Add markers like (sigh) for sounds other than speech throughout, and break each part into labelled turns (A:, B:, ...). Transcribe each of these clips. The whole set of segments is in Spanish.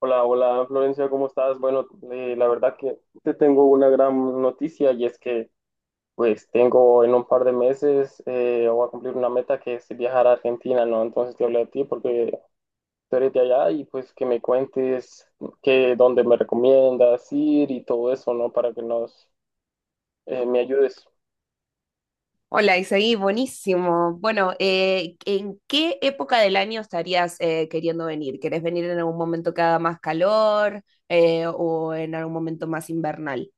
A: Hola, hola Florencia, ¿cómo estás? Bueno, la verdad que te tengo una gran noticia y es que pues tengo en un par de meses voy a cumplir una meta que es viajar a Argentina, ¿no? Entonces te hablé a ti porque tú eres de allá y pues que me cuentes que dónde me recomiendas ir y todo eso, ¿no? Para que nos me ayudes.
B: Hola, Isaí, buenísimo. Bueno, ¿en qué época del año estarías queriendo venir? ¿Querés venir en algún momento que haga más calor o en algún momento más invernal?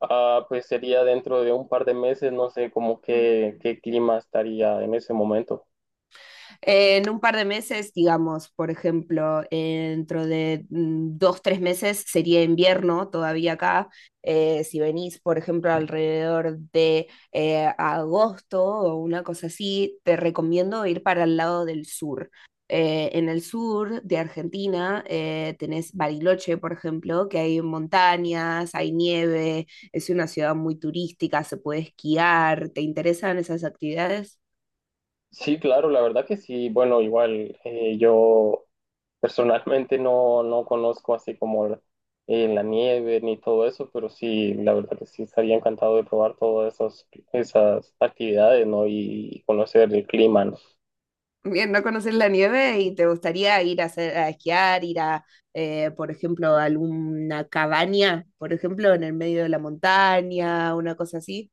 A: Ah, pues sería dentro de un par de meses, no sé, como que qué clima estaría en ese momento.
B: En un par de meses, digamos, por ejemplo, dentro de dos, tres meses sería invierno todavía acá. Si venís, por ejemplo, alrededor de agosto o una cosa así, te recomiendo ir para el lado del sur. En el sur de Argentina tenés Bariloche, por ejemplo, que hay montañas, hay nieve, es una ciudad muy turística, se puede esquiar. ¿Te interesan esas actividades?
A: Sí, claro, la verdad que sí. Bueno, igual yo personalmente no conozco así como la nieve ni todo eso, pero sí, la verdad que sí estaría encantado de probar esas actividades, ¿no? Y conocer el clima, ¿no?
B: Bien, no conoces la nieve y te gustaría ir a, hacer, a esquiar, ir a, por ejemplo, a alguna cabaña, por ejemplo, en el medio de la montaña, una cosa así.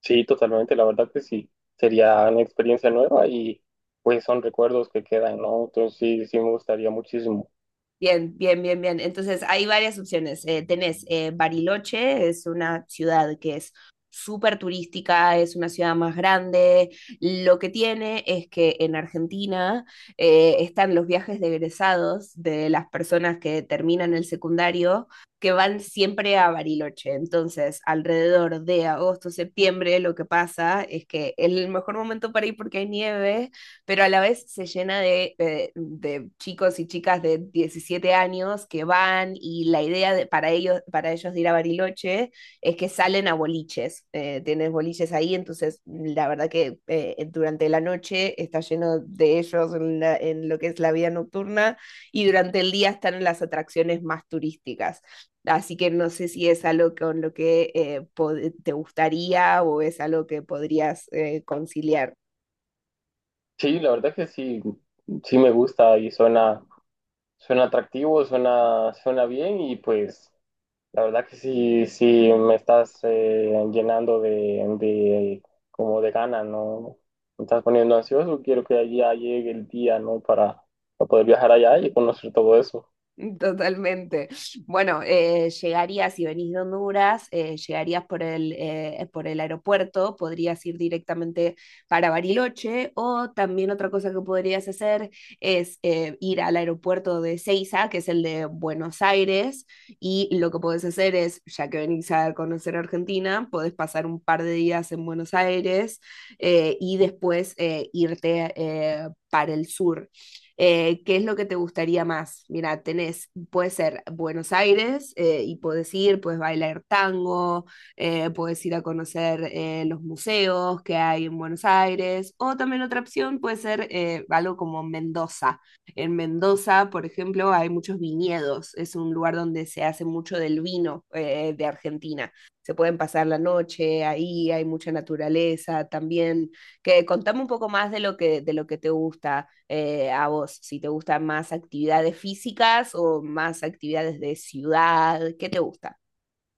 A: Sí, totalmente, la verdad que sí. Sería una experiencia nueva y pues son recuerdos que quedan, ¿no? Entonces sí, sí me gustaría muchísimo.
B: Bien, bien, bien, bien. Entonces, hay varias opciones. Tenés Bariloche, es una ciudad que es súper turística, es una ciudad más grande. Lo que tiene es que en Argentina están los viajes de egresados de las personas que terminan el secundario, que van siempre a Bariloche. Entonces, alrededor de agosto, septiembre, lo que pasa es que es el mejor momento para ir porque hay nieve, pero a la vez se llena de chicos y chicas de 17 años que van, y la idea para ellos de ir a Bariloche es que salen a boliches, tienes boliches ahí, entonces la verdad que durante la noche está lleno de ellos en, en lo que es la vida nocturna, y durante el día están en las atracciones más turísticas. Así que no sé si es algo con lo que te gustaría o es algo que podrías conciliar.
A: Sí, la verdad que sí, sí me gusta y suena atractivo, suena bien y pues... La verdad que sí, sí me estás llenando de como de ganas, ¿no? Me estás poniendo ansioso, quiero que allá llegue el día, ¿no? Para poder viajar allá y conocer todo eso.
B: (laughs) Totalmente. Bueno, llegarías, si venís de Honduras, llegarías por el aeropuerto, podrías ir directamente para Bariloche, o también otra cosa que podrías hacer es ir al aeropuerto de Ceiza, que es el de Buenos Aires, y lo que podés hacer es, ya que venís a conocer Argentina, podés pasar un par de días en Buenos Aires y después irte para el sur. ¿Qué es lo que te gustaría más? Mira, tenés, puede ser Buenos Aires y puedes ir, puedes bailar tango, puedes ir a conocer los museos que hay en Buenos Aires, o también otra opción puede ser algo como Mendoza. En Mendoza, por ejemplo, hay muchos viñedos, es un lugar donde se hace mucho del vino de Argentina. Se pueden pasar la noche ahí, hay mucha naturaleza, también. Que contame un poco más de lo que te gusta a vos. Si te gustan más actividades físicas o más actividades de ciudad, ¿qué te gusta?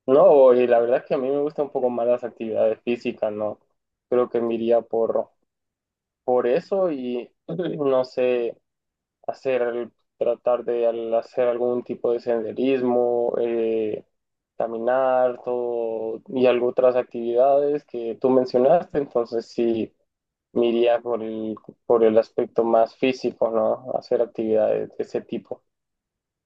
A: No, y la verdad que a mí me gustan un poco más las actividades físicas, ¿no? Creo que me iría por eso y (clears throat) no sé. Hacer, tratar de hacer algún tipo de senderismo, caminar, todo, y algo otras actividades que tú mencionaste, entonces sí me iría por por el aspecto más físico, ¿no? Hacer actividades de ese tipo.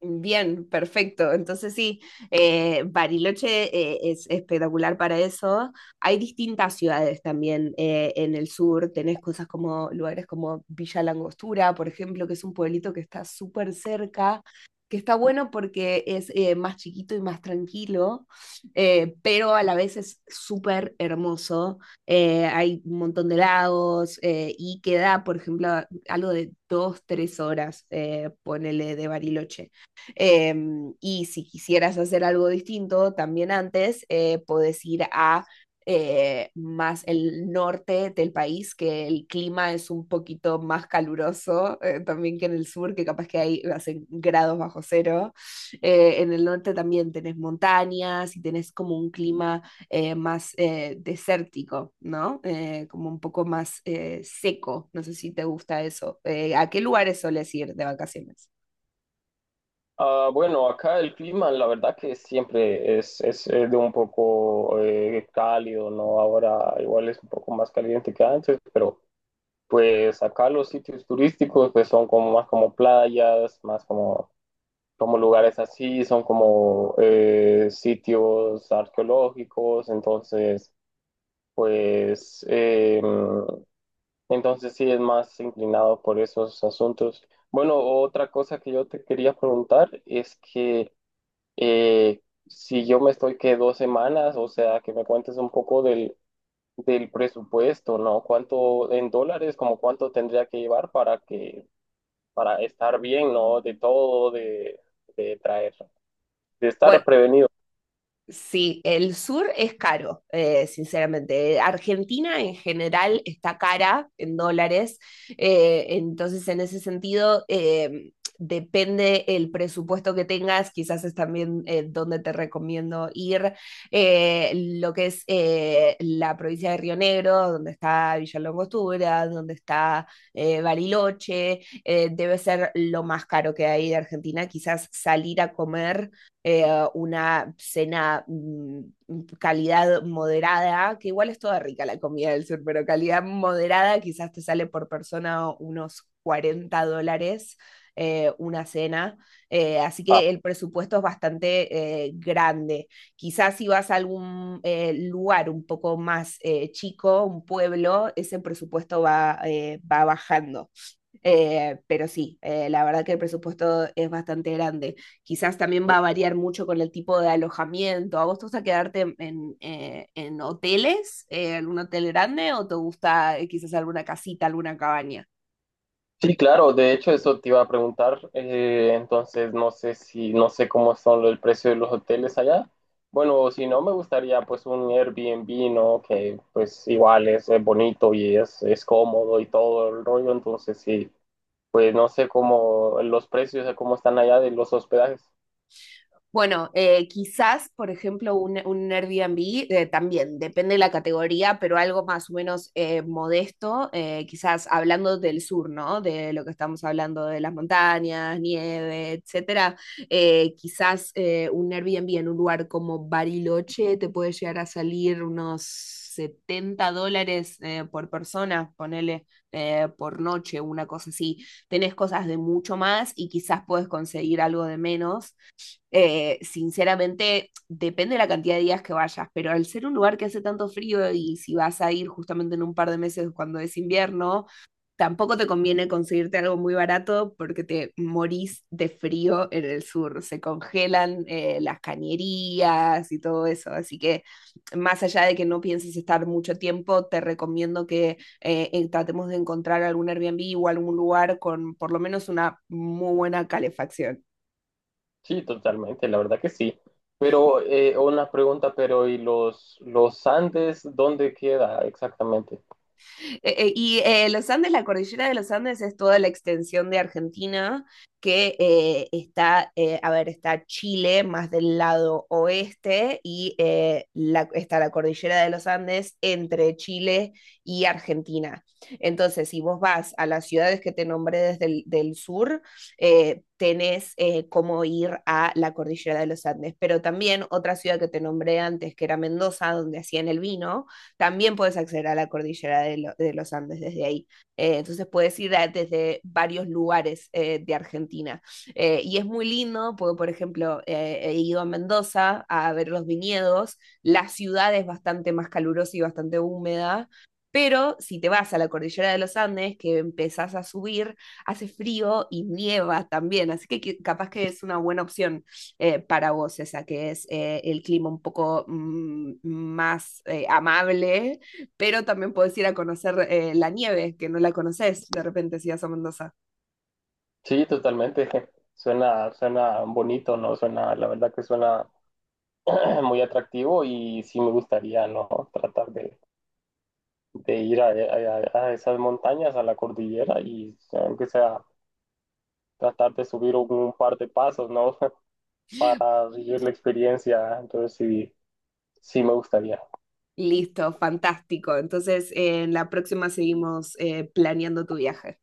B: Bien, perfecto. Entonces sí, Bariloche es espectacular para eso. Hay distintas ciudades también en el sur. Tenés cosas como lugares como Villa Langostura, por ejemplo, que es un pueblito que está súper cerca, que está bueno porque es más chiquito y más tranquilo, pero a la vez es súper hermoso. Hay un montón de lagos y queda, por ejemplo, algo de dos, tres horas, ponele, de Bariloche. Eh, y si quisieras hacer algo distinto también antes, puedes ir a más el norte del país, que el clima es un poquito más caluroso también que en el sur, que capaz que hay hacen grados bajo cero. En el norte también tenés montañas, y tenés como un clima más desértico, ¿no? Como un poco más seco. No sé si te gusta eso. ¿A qué lugares soles ir de vacaciones?
A: Ah, bueno, acá el clima, la verdad que siempre es, de un poco cálido, ¿no? Ahora igual es un poco más caliente que antes, pero pues acá los sitios turísticos pues son como más como como lugares así, son como sitios arqueológicos, entonces pues eh, entonces sí es más inclinado por esos asuntos. Bueno, otra cosa que yo te quería preguntar es que eh, si yo me estoy que dos semanas, o sea, que me cuentes un poco del presupuesto, ¿no? ¿Cuánto en dólares, como cuánto tendría que llevar para que para estar bien, ¿no? De todo, de traer, de
B: Bueno,
A: estar prevenido.
B: sí, el sur es caro, sinceramente. Argentina en general está cara en dólares, entonces en ese sentido depende el presupuesto que tengas, quizás es también donde te recomiendo ir, eh, lo que es la provincia de Río Negro, donde está Villa Langostura, donde está Bariloche, debe ser lo más caro que hay de Argentina. Quizás salir a comer eh, una cena calidad moderada, que igual es toda rica la comida del sur, pero calidad moderada quizás te sale por persona unos 40 dólares. Una cena, así
A: Ah,
B: que el presupuesto es bastante grande. Quizás si vas a algún lugar un poco más chico, un pueblo, ese presupuesto va, va bajando. Pero sí, la verdad que el presupuesto es bastante grande. Quizás también va a variar mucho con el tipo de alojamiento. ¿A vos te gusta quedarte en hoteles, en un hotel grande, o te gusta quizás alguna casita, alguna cabaña?
A: sí, claro, de hecho eso te iba a preguntar, entonces no sé si, no sé cómo son el precio de los hoteles allá. Bueno, si no, me gustaría pues un Airbnb, ¿no? Que pues igual es, bonito y es cómodo y todo el rollo, entonces sí, pues no sé cómo los precios, cómo están allá de los hospedajes.
B: Bueno, quizás, por ejemplo, un Airbnb también, depende de la categoría, pero algo más o menos modesto, quizás hablando del sur, ¿no? De lo que estamos hablando, de las montañas, nieve, etcétera. Quizás un Airbnb en un lugar como Bariloche te puede llegar a salir unos 70 dólares por persona, ponele, por noche, una cosa así. Tenés cosas de mucho más y quizás puedes conseguir algo de menos, sinceramente. Depende de la cantidad de días que vayas, pero al ser un lugar que hace tanto frío, y si vas a ir justamente en un par de meses cuando es invierno, tampoco te conviene conseguirte algo muy barato porque te morís de frío en el sur. Se congelan las cañerías y todo eso. Así que, más allá de que no pienses estar mucho tiempo, te recomiendo que tratemos de encontrar algún Airbnb o algún lugar con por lo menos una muy buena calefacción.
A: Sí, totalmente, la verdad que sí. Pero una pregunta, pero ¿y los Andes dónde queda exactamente?
B: Los Andes, la cordillera de los Andes es toda la extensión de Argentina que está, a ver, está Chile más del lado oeste, y está la cordillera de los Andes entre Chile y Argentina. Entonces, si vos vas a las ciudades que te nombré desde el del sur, tenés cómo ir a la cordillera de los Andes. Pero también otra ciudad que te nombré antes, que era Mendoza, donde hacían el vino, también puedes acceder a la cordillera de, lo, de los Andes desde ahí. Entonces puedes ir a, desde varios lugares de Argentina. Y es muy lindo, porque por ejemplo he ido a Mendoza a ver los viñedos, la ciudad es bastante más calurosa y bastante húmeda, pero si te vas a la cordillera de los Andes, que empezás a subir, hace frío y nieva también, así que capaz que es una buena opción para vos, esa que es el clima un poco más amable, pero también podés ir a conocer la nieve, que no la conoces de repente si vas a Mendoza.
A: Sí, totalmente. (laughs) Suena bonito, ¿no? Suena, la verdad que suena (clears throat) muy atractivo y sí me gustaría, ¿no? Tratar de ir a, a esas montañas, a la cordillera y aunque sea tratar de subir un par de pasos, ¿no? (laughs) Para vivir la experiencia. Entonces sí, sí me gustaría.
B: Listo, fantástico. Entonces, en la próxima seguimos planeando tu viaje.